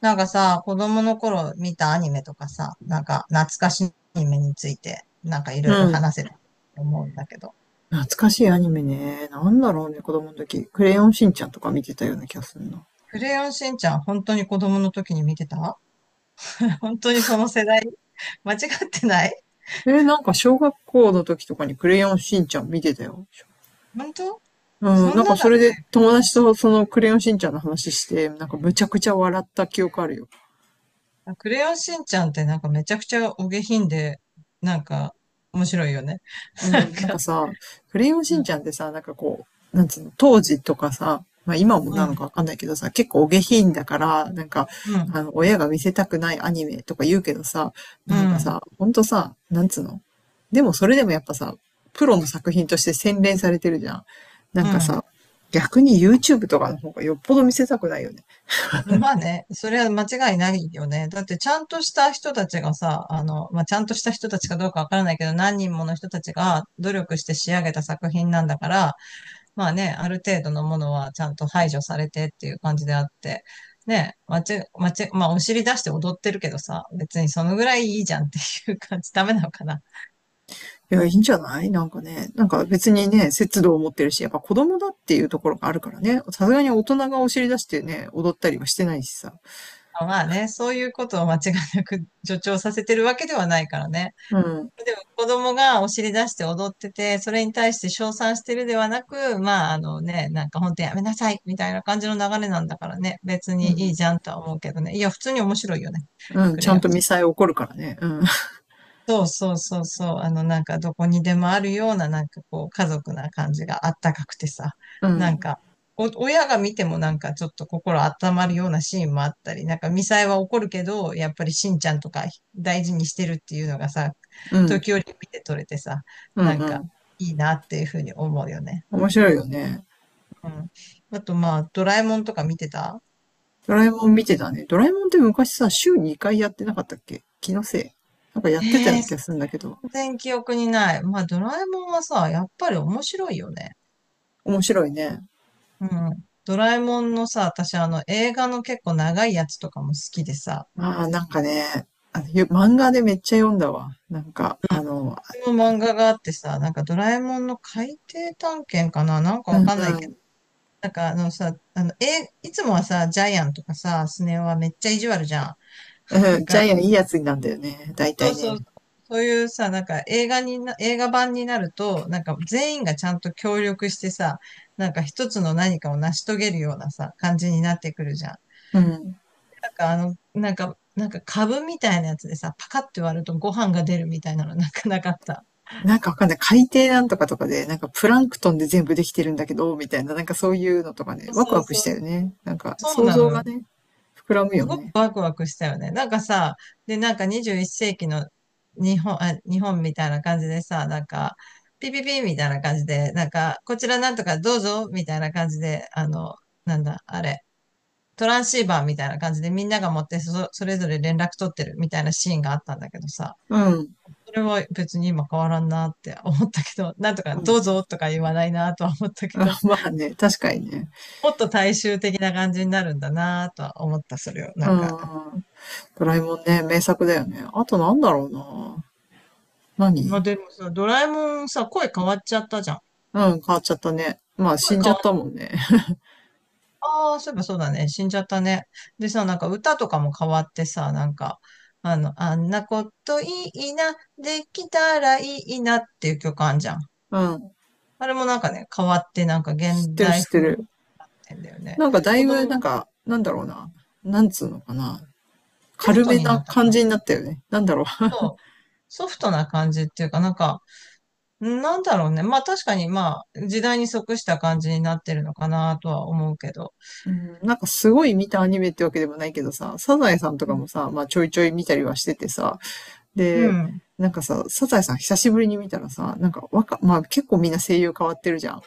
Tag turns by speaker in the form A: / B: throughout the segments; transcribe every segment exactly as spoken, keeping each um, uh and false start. A: なんかさ、子供の頃見たアニメとかさ、なんか懐かしいアニメについて、なんかいろい
B: う
A: ろ
B: ん。
A: 話せると思うんだけど。
B: 懐かしいアニメね。なんだろうね、子供の時。クレヨンしんちゃんとか見てたような気がするな。
A: クレヨンしんちゃん、本当に子供の時に見てた 本当にその世代 間違ってない。
B: えーなんか小学校の時とかにクレヨンしんちゃん見てたよ。
A: 本当
B: うん、
A: そ
B: な
A: ん
B: んか
A: なだ
B: そ
A: っ
B: れで
A: けクレ
B: 友
A: ヨン
B: 達
A: しんち
B: とそのクレヨンしんちゃんの話して、なんかむちゃくちゃ笑った記憶あるよ。
A: ゃん。クレヨンしんちゃんってなんかめちゃくちゃお下品で、なんか面白いよね。
B: うん、なんか さ、クレヨンしん
A: なん
B: ち
A: か、う
B: ゃんってさ、なんかこう、なんつうの、当時とかさ、まあ今もなの
A: ん、
B: かわかんないけどさ、結構お下品だから、なんか、
A: うん、
B: あの、親が見せたくないアニメとか言うけどさ、
A: う
B: なんか
A: ん、
B: さ、ほんとさ、なんつうの。でもそれでもやっぱさ、プロの作品として洗練されてるじゃん。なん
A: う
B: か
A: ん、
B: さ、逆に YouTube とかの方がよっぽど見せたくないよね。
A: まあね、それは間違いないよね。だってちゃんとした人たちがさ、あの、まあ、ちゃんとした人たちかどうかわからないけど、何人もの人たちが努力して仕上げた作品なんだから、まあね、ある程度のものはちゃんと排除されてっていう感じであって、ね、まち、まち、まあお尻出して踊ってるけどさ、別にそのぐらいいいじゃんっていう感じ、ダメなのかな。
B: いや、いいんじゃないなんかね、なんか別にね、節度を持ってるし、やっぱ子供だっていうところがあるからね、さすがに大人がお尻出してね、踊ったりはしてないしさ。
A: あ、まあね、そういうことを間違いなく助長させてるわけではないからね。
B: うん、
A: でも子供がお尻出して踊ってて、それに対して称賛してるではなく、まああのね、なんか本当やめなさいみたいな感じの流れなんだからね、別
B: う
A: にいい
B: ん、
A: じゃんとは思うけどね。いや、普通に面白いよね。
B: うん、
A: く
B: ち
A: れ
B: ゃん
A: よ。
B: とミサイ起こるからね。うん、
A: そうそうそうそう。あの、なんかどこにでもあるような、なんかこう、家族な感じがあったかくてさ。
B: う
A: なん
B: ん、
A: か、お、親が見てもなんかちょっと心温まるようなシーンもあったり、なんかミサイは怒るけど、やっぱりしんちゃんとか大事にしてるっていうのがさ、
B: うん、
A: 時折見て取れてさ、
B: うん、
A: なん
B: う
A: か
B: ん。
A: いいなっていうふうに思うよね。
B: 面白いよね。
A: うん。あとまあ、ドラえもんとか見てた。
B: ドラえもん見てたね。ドラえもんって昔さ、週にかいやってなかったっけ気のせい。なんかやってたよう
A: ええ
B: な気がす
A: ー、
B: るんだけど。
A: 全然記憶にない。まあ、ドラえもんはさ、やっぱり面白いよね。
B: 面白いね。
A: うん。ドラえもんのさ、私あの映画の結構長いやつとかも好きでさ、
B: まあ、なんかね、あのゆ漫画でめっちゃ読んだわ。なんか、あの、
A: この漫画があってさ、なんかドラえもんの海底探検かななんか
B: う
A: わ
B: ん
A: かんない
B: う
A: けど。
B: ん、
A: なんかあのさ、あの、え、いつもはさ、ジャイアンとかさ、スネ夫はめっちゃ意地悪じゃん。
B: うん、ジャイアンいいやつなんだよね。大
A: そ
B: 体
A: うそう。
B: ね。
A: そういうさ、なんか映画にな、映画版になると、なんか全員がちゃんと協力してさ、なんか一つの何かを成し遂げるようなさ、感じになってくるじゃん。
B: うん。
A: なんかあの、なんか、なんか株みたいなやつでさ、パカって割るとご飯が出るみたいなの なんかなかった。
B: なんかわかんない。海底なんとかとかで、なんかプランクトンで全部できてるんだけど、みたいな、なんかそういうのとかね、
A: そう
B: ワク
A: そう
B: ワク
A: そ
B: し
A: う。
B: たよね。なんか
A: そう
B: 想
A: な
B: 像
A: の
B: が
A: よ。
B: ね、膨らむよ
A: すごく
B: ね。
A: ワクワクしたよね。なんかさ、で、なんかにじゅういっ世紀の日本、あ、日本みたいな感じでさ、なんか、ピピピみたいな感じで、なんか、こちらなんとかどうぞみたいな感じで、あの、なんだ、あれ、トランシーバーみたいな感じでみんなが持ってそ、それぞれ連絡取ってるみたいなシーンがあったんだけどさ、
B: うん。
A: それは別に今変わらんなって思ったけど、なんとか
B: う
A: ど
B: ん。
A: うぞとか言わないなとは思ったけど、
B: あまあね、確かにね。
A: もっと大衆的な感じになるんだなとは思った、それを。な
B: う
A: んか。
B: ん。ドラえもんね、名作だよね。あとなんだろうな。
A: まあ
B: 何
A: でもさ、ドラえもんさ、声変わっちゃったじゃん。
B: うん、変わっちゃったね。まあ死
A: 声
B: んじ
A: 変
B: ゃ
A: わ
B: った
A: っ、
B: もんね。
A: ああ、そういえばそうだね。死んじゃったね。でさ、なんか歌とかも変わってさ、なんか、あの、あんなこといいな、できたらいいなっていう曲あんじゃん。
B: うん。
A: あれもなんかね、変わってなんか
B: 知っ
A: 現
B: てる
A: 代
B: 知って
A: 風になっ
B: る。
A: てんだよね。
B: なんかだ
A: 子
B: いぶ、な
A: 供
B: んか、なんだろうな。なんつうのかな。
A: ソフ
B: 軽
A: ト
B: め
A: に
B: な
A: なったか
B: 感
A: な。
B: じになったよね。なんだろ
A: そうソフトな感じっていうか、なんか、なんだろうね。まあ確かに、まあ、時代に即した感じになってるのかなとは思うけど。
B: う、うん。なんかすごい見たアニメってわけでもないけどさ、サザエさんとかもさ、まあちょいちょい見たりはしててさ、
A: う
B: で、
A: ん。
B: なんかさ、サザエさん久しぶりに見たらさ、なんか若、まあ結構みんな声優変わってるじゃん。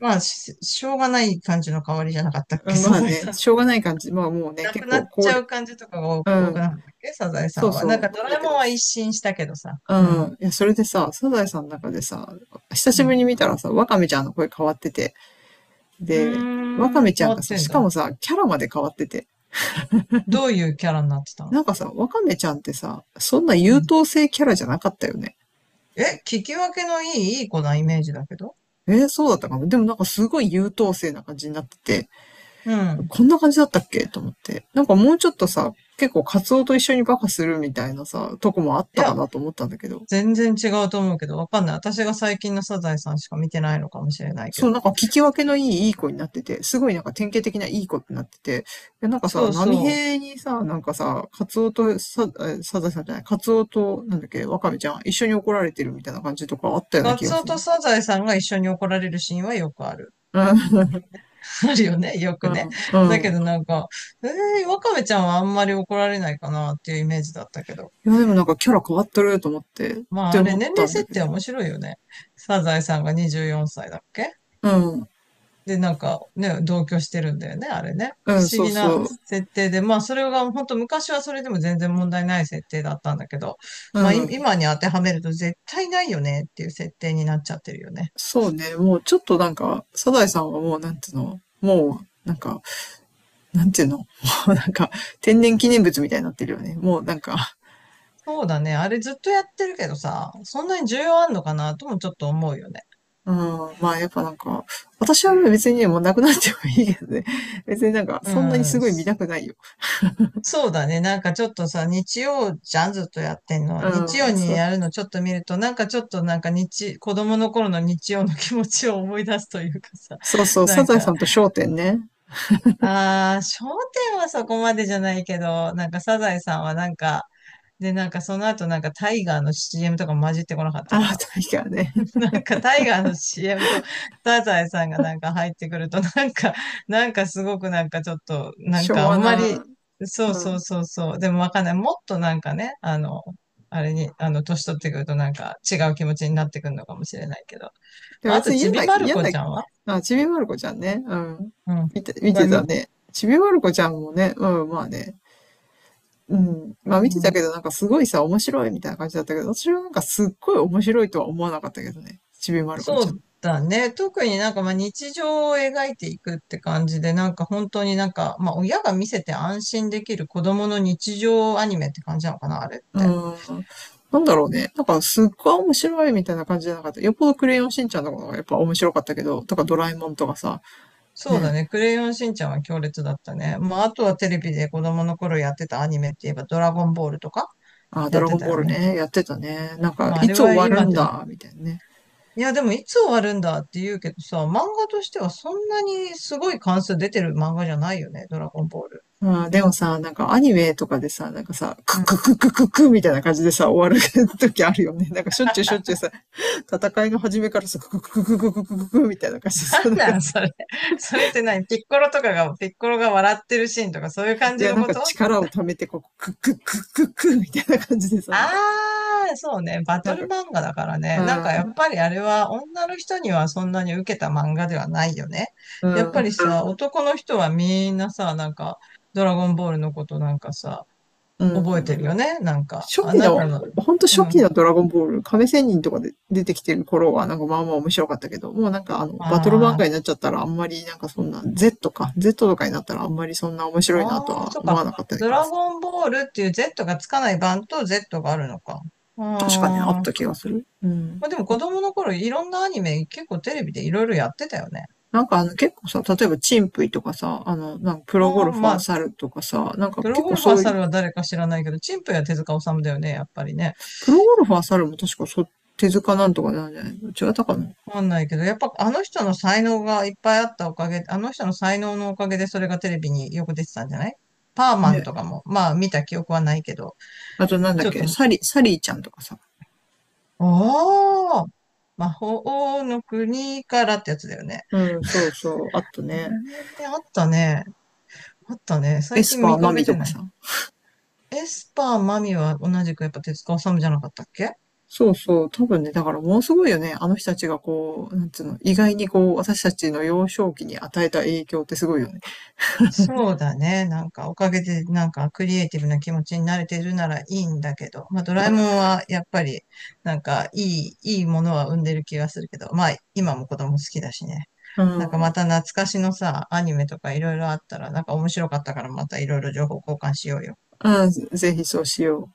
A: まあ、し、しょうがない感じの香りじゃなかったっ
B: う
A: け、
B: ん、
A: サ
B: まあ
A: ザエさ
B: ね、
A: ん。
B: しょうがない感じ。まあもうね、
A: な
B: 結
A: くなっ
B: 構高
A: ちゃ
B: 齢、
A: う感じとかが多
B: う
A: 多く
B: ん、
A: なかったっけ、サザエさ
B: そ
A: ん
B: う
A: は。なん
B: そ
A: か
B: う、
A: ド
B: なん
A: ラ
B: だ
A: え
B: け
A: もん
B: ど、
A: は一新したけどさ。
B: う
A: うん。
B: ん、いや、それでさ、サザエさんの中でさ、久
A: う
B: しぶり
A: ん。
B: に見たらさ、ワカメちゃんの声変わってて、
A: う
B: で、ワカ
A: ーん、
B: メち
A: 変
B: ゃん
A: わ
B: が
A: っ
B: さ、
A: てん
B: しか
A: だ。
B: もさ、キャラまで変わってて、
A: どういうキャラになってたの？
B: なんかさ、ワカメちゃんってさ、そんな
A: う
B: 優
A: ん。
B: 等生キャラじゃなかったよね。
A: え、聞き分けのいい、いい子なイメージだけど。
B: えー、そうだったかも。でもなんかすごい優等生な感じになってて、
A: うん。
B: こんな感じだったっけと思って。なんかもうちょっとさ、結構カツオと一緒にバカするみたいなさ、とこもあっ
A: い
B: たか
A: や、
B: なと思ったんだけど、
A: 全然違うと思うけど、わかんない。私が最近のサザエさんしか見てないのかもしれないけ
B: そうな
A: ど。
B: んか聞き分けのいいいい子になってて、すごいなんか典型的ないい子ってなってて、なんかさ、
A: そう
B: 波
A: そう。
B: 平にさ、なんかさ、カツオとさ、サザさんじゃない、カツオと、なんだっけ、ワカメちゃん、一緒に怒られてるみたいな感じとかあったような
A: ガ
B: 気が
A: ツオ
B: す
A: と
B: る。
A: サザエさんが一緒に怒られるシーンはよくある。
B: うん、
A: あるよね、よ
B: う
A: くね。
B: ん、
A: だ
B: う
A: けど
B: ん。
A: なんか、えー、ワカメちゃんはあんまり怒られないかなっていうイメージだったけど。
B: いや、でもなんかキャラ変わってると思って、っ
A: まあ
B: て
A: あれ、
B: 思っ
A: 年
B: た
A: 齢
B: んだ
A: 設
B: けど。
A: 定面白いよね。サザエさんがにじゅうよんさいだっけ？
B: うん。
A: で、なんかね、同居してるんだよね、あれね。
B: う
A: 不
B: ん、
A: 思
B: そう
A: 議な
B: そう。
A: 設定で、まあそれが本当昔はそれでも全然問題ない設定だったんだけど、
B: う
A: まあい
B: ん。
A: 今に当てはめると絶対ないよねっていう設定になっちゃってるよね。
B: そうね。もうちょっとなんか、サザエさんはもうなんていうのもう、なんか、なんていうの もうなんか、天然記念物みたいになってるよね。もうなんか、
A: そうだね。あれずっとやってるけどさ、そんなに重要あんのかなともちょっと思うよね。
B: うん。まあやっぱなんか、私は別にね、もうなくなってもいいけどね。別になんか、
A: う
B: そんなにす
A: ん。
B: ごい見たくないよ。
A: そうだね。なんかちょっとさ、日曜じゃん、ずっとやってんの。
B: う
A: 日曜
B: ん。
A: に
B: そう、
A: やるのちょっと見ると、なんかちょっとなんか日、子供の頃の日曜の気持ちを思い出すというかさ、
B: そうそう。
A: な
B: サ
A: ん
B: ザエさ
A: か
B: んと笑点ね。
A: ああ、商店はそこまでじゃないけど、なんかサザエさんはなんか、で、なんかその後なんかタイガーの シーエム とか混じってこなかったか
B: ああ、
A: な。
B: 確かね。
A: なんかタイガーの シーエム とサザエさんがなんか入ってくると、なんか、なんかすごくなんかちょっと、なん
B: 昭
A: かあ
B: 和
A: んまり、
B: な、
A: そう
B: う
A: そう
B: ん。
A: そうそう、でもわかんない。もっとなんかね、あの、あれに、あの、年取ってくるとなんか違う気持ちになってくるのかもしれないけど。
B: や、
A: まああ
B: 別
A: と、
B: に
A: ち
B: 嫌
A: び
B: な、
A: まる
B: 嫌
A: 子
B: な、
A: ちゃんは。
B: あ、ちびまる子ちゃんね。うん。
A: うん。
B: 見て、見
A: は、
B: てた
A: み、
B: ね。ちびまる子ちゃんもね、うん、まあね。うん。
A: う
B: まあ見てた
A: ん。
B: けど、なんかすごいさ、面白いみたいな感じだったけど、私はなんかすっごい面白いとは思わなかったけどね。ちびまる子ち
A: そ
B: ゃ
A: う
B: ん。
A: だね。特になんかまあ日常を描いていくって感じで、なんか本当になんか、まあ親が見せて安心できる子供の日常アニメって感じなのかな、あれっ
B: う
A: て。
B: ん。なんだろうね。なんかすっごい面白いみたいな感じじゃなかった。よっぽどクレヨンしんちゃんのことかがやっぱ面白かったけど、とかドラえもんとかさ、
A: そうだ
B: ね。
A: ね。クレヨンしんちゃんは強烈だったね。まああとはテレビで子供の頃やってたアニメって言えばドラゴンボールとか
B: あ、ド
A: やっ
B: ラ
A: て
B: ゴン
A: た
B: ボー
A: よ
B: ル
A: ね。
B: ね、やってたね。なんか、
A: まああ
B: い
A: れ
B: つ終
A: は
B: わる
A: 今
B: ん
A: でも。
B: だ、みたいなね。
A: いやでもいつ終わるんだって言うけどさ、漫画としてはそんなにすごい関数出てる漫画じゃないよね、ドラゴンボール。
B: うん、でもさ、なんかアニメとかでさ、なんかさ、ククククククみたいな感じでさ、終わる時あるよね。なんかしょっちゅうしょっちゅうさ、戦いの始めからさ、クククククククククみたいな感じでさ、なん
A: な
B: か、
A: んそれ。それって何？ピッコロとかが、ピッコロが笑ってるシーンとかそういう感
B: い
A: じ
B: や、
A: の
B: なん
A: こ
B: か
A: と？
B: 力を貯めて、こう、ククククククみたいな感じでさ、なんか、
A: あー、そうね。バ
B: な
A: ト
B: ん
A: ル
B: か、
A: 漫画だから
B: う
A: ね。なんかやっ
B: ん、
A: ぱりあれは女の人にはそんなに受けた漫画ではないよね。
B: う
A: やっぱり
B: ん、
A: さ、男の人はみんなさ、なんか、ドラゴンボールのことなんかさ、
B: う
A: 覚えて
B: ん。
A: るよね。なんか、
B: 初
A: あ
B: 期
A: な
B: の、
A: たの、
B: ほんと
A: う
B: 初期
A: ん。
B: のドラゴンボール、亀仙人とかで出てきてる頃はなんかまあまあ面白かったけど、もうなんかあの、バトル漫
A: あ
B: 画
A: ー、
B: になっちゃったらあんまりなんかそんな、Z か、Z とかになったらあんまりそんな面白いなと
A: あー、
B: は
A: そう
B: 思
A: か。
B: わなかったんだ
A: ド
B: けど、
A: ラゴンボールっていう Z がつかない版と Z があるのか。う
B: 確かね、あっ
A: ーん。
B: た気がする。うん。
A: まあでも子供の頃いろんなアニメ結構テレビでいろいろやってたよね。
B: なんかあの結構さ、例えばチンプイとかさ、あの、なんかプロゴ
A: あ
B: ル
A: あ、
B: フ
A: ま
B: ァー
A: あ、
B: 猿とかさ、なんか
A: プロ
B: 結
A: ゴ
B: 構
A: ルファ
B: そ
A: ー
B: ういう、
A: 猿は誰か知らないけど、チンプや手塚治虫だよね、やっぱりね。
B: プロゴルファー猿も確かそ、手塚なんとかなんじゃないの違ったかな
A: わかんないけど、やっぱあの人の才能がいっぱいあったおかげ、あの人の才能のおかげでそれがテレビによく出てたんじゃない？パーマン
B: ね。
A: とかも、まあ見た記憶はないけど、
B: あとなんだっ
A: ちょっ
B: け、
A: と、
B: サリ、サリーちゃんとかさ。
A: ああ、魔法の国からってやつだよね。
B: うん、そうそう、あった
A: あ
B: ね。
A: れね、あったね。あったね。
B: エ
A: 最
B: ス
A: 近
B: パー
A: 見
B: マ
A: かけ
B: ミと
A: て
B: か
A: ない。
B: さ。
A: エスパーマミは同じくやっぱ手塚治虫じゃなかったっけ？
B: そうそう。多分ね、だからものすごいよね。あの人たちがこう、なんつうの、意外にこう、私たちの幼少期に与えた影響ってすごいよね。
A: そうだね。なんかおかげでなんかクリエイティブな気持ちになれてるならいいんだけど、まあドラえもんはやっぱりなんかいい、いいものは生んでる気がするけど、まあ今も子供好きだしね。
B: う
A: なんかま
B: ん。
A: た懐かしのさ、アニメとかいろいろあったらなんか面白かったからまたいろいろ情報交換しようよ。
B: あぜひそうしよう。